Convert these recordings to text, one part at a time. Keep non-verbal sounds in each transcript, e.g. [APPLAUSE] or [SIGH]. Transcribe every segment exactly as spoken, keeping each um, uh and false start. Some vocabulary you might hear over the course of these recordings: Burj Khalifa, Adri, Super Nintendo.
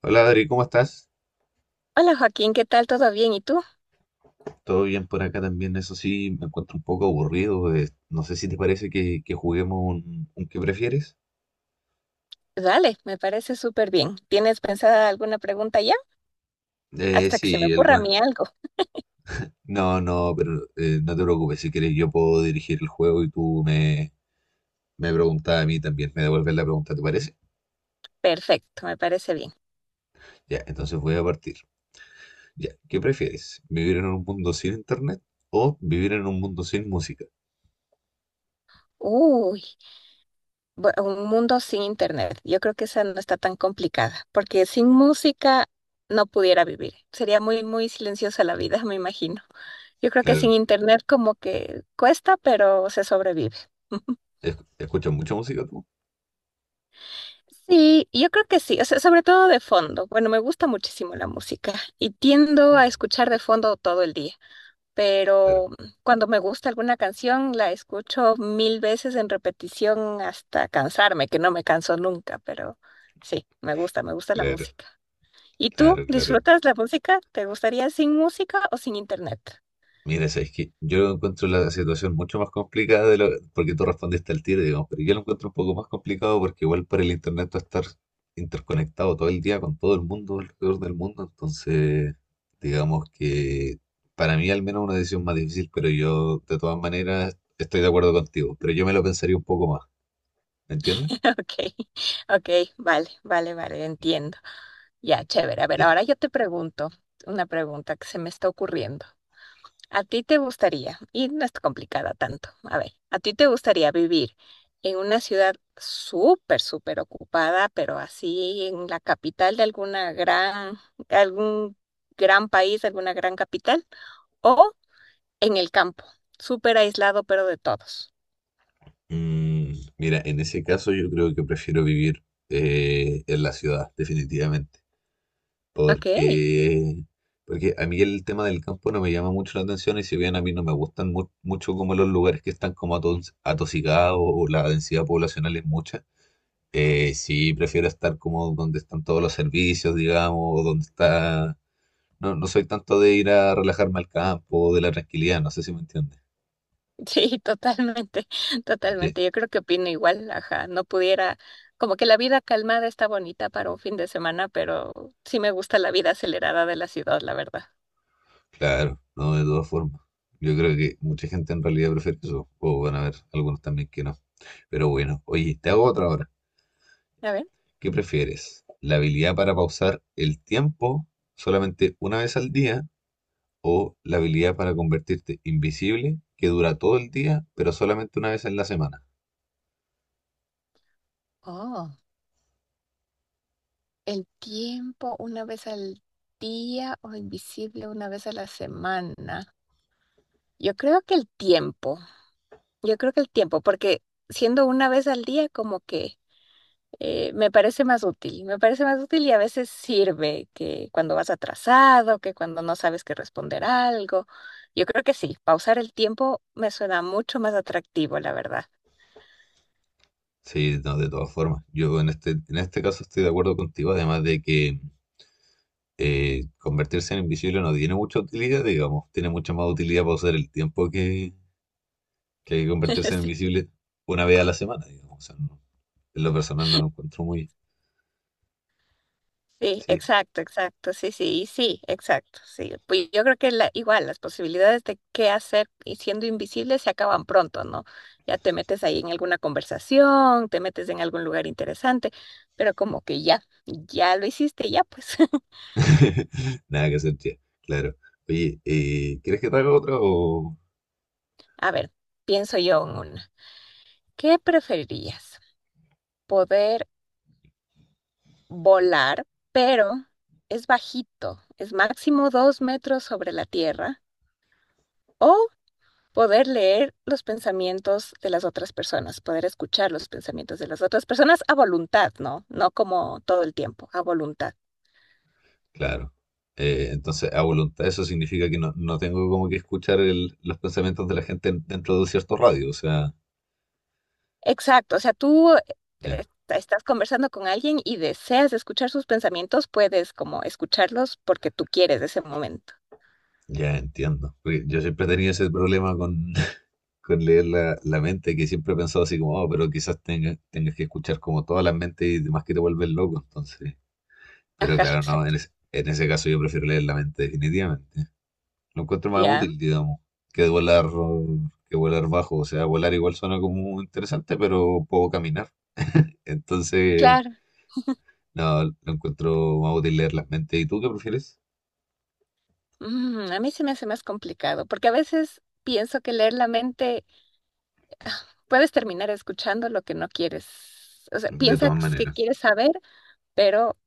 Hola Adri, ¿cómo estás? Hola Joaquín, ¿qué tal? ¿Todo bien? ¿Y tú? Todo bien por acá también, eso sí, me encuentro un poco aburrido. Eh, no sé si te parece que, que juguemos un, un ¿qué prefieres? Dale, me parece súper bien. ¿Tienes pensada alguna pregunta ya? Eh, Hasta que se me sí, ocurra a algunas. mí algo. No, no, pero eh, no te preocupes, si quieres yo puedo dirigir el juego y tú me, me preguntas a mí también, me devuelves la pregunta, ¿te parece? Perfecto, me parece bien. Ya, entonces voy a partir. Ya, ¿qué prefieres? ¿Vivir en un mundo sin internet o vivir en un mundo sin música? Uy, bu- un mundo sin internet. Yo creo que esa no está tan complicada, porque sin música no pudiera vivir. Sería muy, muy silenciosa la vida, me imagino. Yo creo que Claro, sin internet como que cuesta, pero se sobrevive. [LAUGHS] ¿es- ¿escuchas mucha música tú? Sí, yo creo que sí, o sea, sobre todo de fondo. Bueno, me gusta muchísimo la música y tiendo Mm. a escuchar de fondo todo el día. Claro, Pero cuando me gusta alguna canción la escucho mil veces en repetición hasta cansarme, que no me canso nunca, pero sí, me gusta, me gusta la claro, música. ¿Y tú claro, claro. disfrutas la música? ¿Te gustaría sin música o sin internet? Mira, sabes que yo encuentro la situación mucho más complicada de lo, porque tú respondiste al tiro, digamos, pero yo lo encuentro un poco más complicado porque igual por el internet tú estar interconectado todo el día con todo el mundo alrededor del mundo, entonces digamos que para mí al menos una decisión más difícil, pero yo de todas maneras estoy de acuerdo contigo, pero yo me lo pensaría un poco más, ¿me entiendes? [LAUGHS] Ok, ok, vale, vale, vale, entiendo. Ya, chévere. A ver, Ya. ahora yo te pregunto una pregunta que se me está ocurriendo. ¿A ti te gustaría, y no es complicada tanto, a ver, a ti te gustaría vivir en una ciudad súper, súper ocupada, pero así en la capital de alguna gran, algún gran país, alguna gran capital, o en el campo, súper aislado, pero de todos? Mm, mira, en ese caso yo creo que prefiero vivir eh, en la ciudad, definitivamente. Ok, Porque, porque a mí el tema del campo no me llama mucho la atención y si bien a mí no me gustan mu- mucho como los lugares que están como atos- atosigados o la densidad poblacional es mucha, eh, sí prefiero estar como donde están todos los servicios, digamos, o donde está. No, no soy tanto de ir a relajarme al campo, de la tranquilidad, no sé si me entiendes. sí, totalmente, [LAUGHS] Ye-. totalmente. Yo creo que opino igual, ajá, no pudiera, como que la vida calmada está bonita para un fin de semana, pero sí me gusta la vida acelerada de la ciudad, la verdad. Claro, no, de todas formas. Yo creo que mucha gente en realidad prefiere eso, o van a ver algunos también que no. Pero bueno, oye, te hago otra hora. A ver. ¿Qué prefieres? ¿La habilidad para pausar el tiempo solamente una vez al día o la habilidad para convertirte invisible que dura todo el día, pero solamente una vez en la semana? Oh, el tiempo una vez al día o invisible una vez a la semana. Yo creo que el tiempo, yo creo que el tiempo, porque siendo una vez al día como que eh, me parece más útil, me parece más útil y a veces sirve que cuando vas atrasado, que cuando no sabes qué responder algo. Yo creo que sí, pausar el tiempo me suena mucho más atractivo, la verdad. Sí, no, de todas formas. Yo en este, en este caso estoy de acuerdo contigo, además de que eh, convertirse en invisible no tiene mucha utilidad, digamos. Tiene mucha más utilidad pausar el tiempo que, que [LAUGHS] convertirse en Sí. invisible una vez a la semana, digamos. O sea, no, en lo personal no lo encuentro muy. Sí, Sí. exacto, exacto, sí, sí, y sí, exacto, sí. Pues yo creo que la, igual las posibilidades de qué hacer y siendo invisible se acaban pronto, ¿no? Ya te metes ahí en alguna conversación, te metes en algún lugar interesante, pero como que ya, ya lo hiciste, ya pues. [LAUGHS] [LAUGHS] Nada que hacer, tía. Claro. Oye, eh, ¿quieres que te haga otra o...? A ver, pienso yo en una. ¿Qué preferirías? ¿Poder volar, pero es bajito, es máximo dos metros sobre la tierra? ¿O poder leer los pensamientos de las otras personas, poder escuchar los pensamientos de las otras personas a voluntad, ¿no? No como todo el tiempo, a voluntad. Claro. Eh, entonces, a voluntad, eso significa que no, no tengo como que escuchar el- los pensamientos de la gente dentro de un cierto radio. O sea, Exacto, o sea, tú eh, ya, estás conversando con alguien y deseas escuchar sus pensamientos, puedes como escucharlos porque tú quieres ese momento. ya entiendo. Porque yo siempre tenía ese problema con, [LAUGHS] con leer la, la mente, que siempre he pensado así como, oh, pero quizás tengas, tengas que escuchar como todas las mentes y demás que te vuelven loco. Entonces, pero Ajá, [LAUGHS] claro, no, en, exacto. es- en ese caso yo prefiero leer la mente definitivamente. Lo encuentro más Ya, útil, digamos, que volar, que volar bajo. O sea, volar igual suena como interesante, pero puedo caminar. Entonces, claro. no, lo encuentro más útil leer las mentes. ¿Y tú qué prefieres? Mm, a mí se me hace más complicado porque a veces pienso que leer la mente puedes terminar escuchando lo que no quieres. O sea, De piensas todas que maneras, quieres saber, pero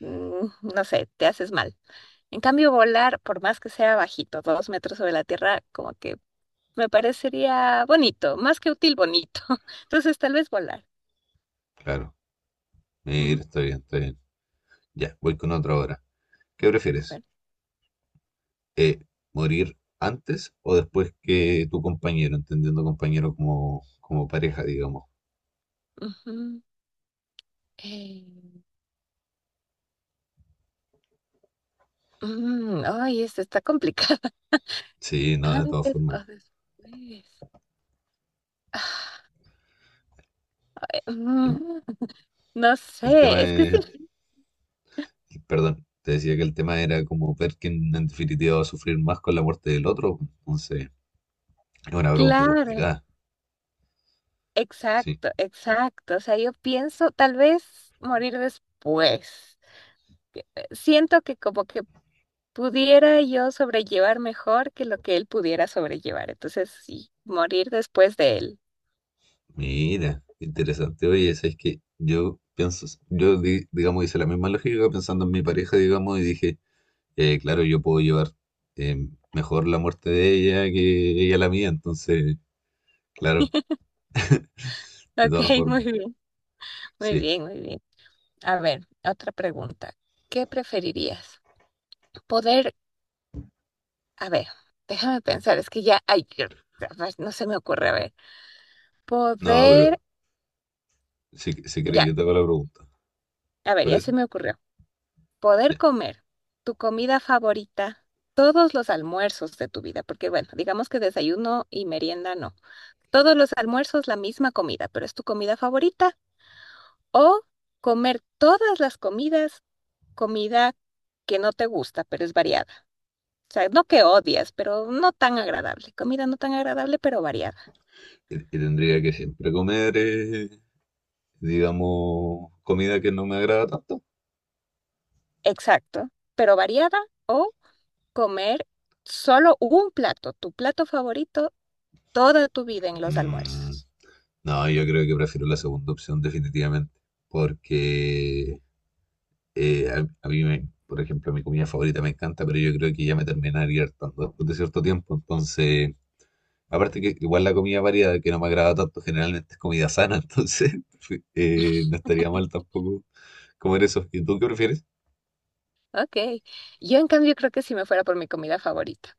mm, no sé, te haces mal. En cambio, volar, por más que sea bajito, dos metros sobre la tierra, como que me parecería bonito, más que útil, bonito. [LAUGHS] Entonces, tal vez volar. claro. Ujú. Mira, está bien, está bien. Ya, voy con otra hora. ¿Qué A prefieres? ver. Eh, ¿morir antes o después que tu compañero? Entendiendo compañero como, como pareja, digamos. Ujú, eh, mm, ay, esto está complicado. [LAUGHS] Sí, no, de todas Antes o formas. después. Ah, eh, El mm, no el tema sé, es que es. sí, Y, perdón, te decía que el tema era como ver quién en definitiva va a sufrir más con la muerte del otro. Pues, entonces, es una pregunta claro, complicada. Sí, exacto, exacto. O sea, yo pienso tal vez morir después, siento que como que pudiera yo sobrellevar mejor que lo que él pudiera sobrellevar. Entonces, sí, morir después de él. mira, interesante. Oye, ¿sabes que Yo pienso, yo di- digamos hice la misma lógica pensando en mi pareja, digamos, y dije, eh, claro, yo puedo llevar eh, mejor la muerte de ella que ella la mía. Entonces, claro, de Ok, todas [LAUGHS] muy formas. bien, muy Sí, bien, muy bien. A ver, otra pregunta. ¿Qué preferirías? Poder, a ver, déjame pensar, es que ya, ay, yo- ay, no se me ocurre, a ver. no, Poder, pero si, si querés ya, yo te hago la pregunta. ¿Te a ver, ya parece? se me ocurrió. Poder Ya. comer tu comida favorita, todos los almuerzos de tu vida, porque bueno, digamos que desayuno y merienda no. Todos los almuerzos la misma comida, pero es tu comida favorita. O comer todas las comidas, comida que no te gusta, pero es variada. O sea, no que odias, pero no tan agradable. Comida no tan agradable, pero variada. Y, y tendría que siempre comer. Eh, digamos, comida que no me agrada tanto. Exacto. Pero variada, o comer solo un plato, tu plato favorito, toda tu vida en los Mm, almuerzos. no, yo creo que prefiero la segunda opción definitivamente, porque eh, a, a mí, me, por ejemplo, mi comida favorita me encanta, pero yo creo que ya me terminaría hartando después de cierto tiempo. Entonces, aparte que igual la comida variada que no me agrada tanto generalmente es comida sana, [LAUGHS] entonces [LAUGHS] eh, no estaría mal tampoco comer eso. ¿Y tú qué prefieres? Ok. Yo en cambio creo que si me fuera por mi comida favorita,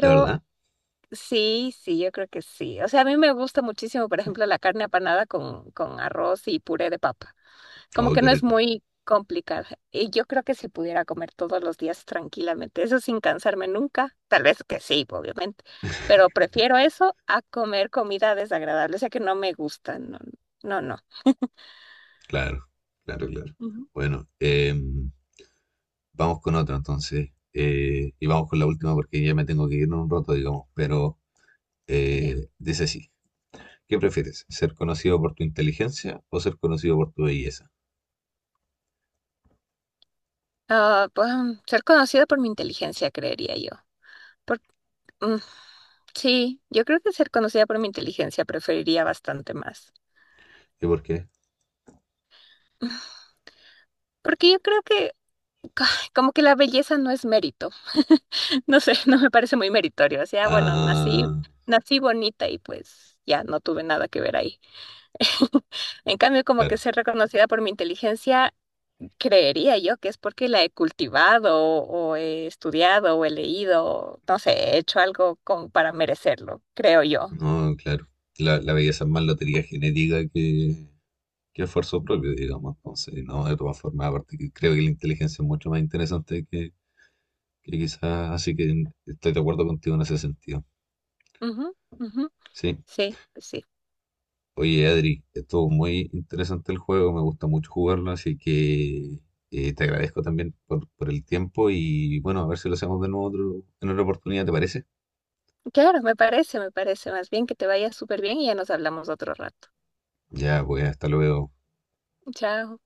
¿De verdad? Sí, sí, yo creo que sí. O sea, a mí me gusta muchísimo, por ejemplo, la carne apanada con, con arroz y puré de papa. Como Oh, que qué no es rico. muy complicada. Y yo creo que si pudiera comer todos los días tranquilamente, eso sin cansarme nunca, tal vez que sí, obviamente, pero prefiero eso a comer comida desagradable, o sea que no me gusta, no, no, no. Claro, claro, claro. Ujú. Bueno, eh, vamos con otro entonces. Eh, y vamos con la última porque ya me tengo que ir en un rato, digamos. Pero Ya. eh, dice así. ¿Qué prefieres? ¿Ser conocido por tu inteligencia o ser conocido por tu belleza? Ah, pues, mm, ser conocida por mi inteligencia, creería yo. Por- mm, sí, yo creo que ser conocida por mi inteligencia preferiría bastante más. ¿Y por qué? Porque yo creo que ca- como que la belleza no es mérito. [LAUGHS] No sé, no me parece muy meritorio. O sea, bueno, nací, Ah, nací bonita y pues ya no tuve nada que ver ahí. [LAUGHS] En cambio, como que claro. ser reconocida por mi inteligencia, creería yo que es porque la he cultivado o he estudiado o he leído, no sé, he hecho algo como para merecerlo, creo yo. No, claro. La, la belleza es más lotería genética que, que esfuerzo propio, digamos. Entonces, no, de todas formas, aparte que creo que la inteligencia es mucho más interesante que, que quizás. Así que estoy de acuerdo contigo en ese sentido. Ujú, ujú. Sí. Sí, sí. Oye, Adri, estuvo muy interesante el juego, me gusta mucho jugarlo, así que eh, te agradezco también por, por el tiempo y bueno, a ver si lo hacemos de nuevo otro- en otra oportunidad, ¿te parece? Claro, me parece, me parece. Más bien que te vaya súper bien y ya nos hablamos otro rato. Ya, pues hasta luego. Chao.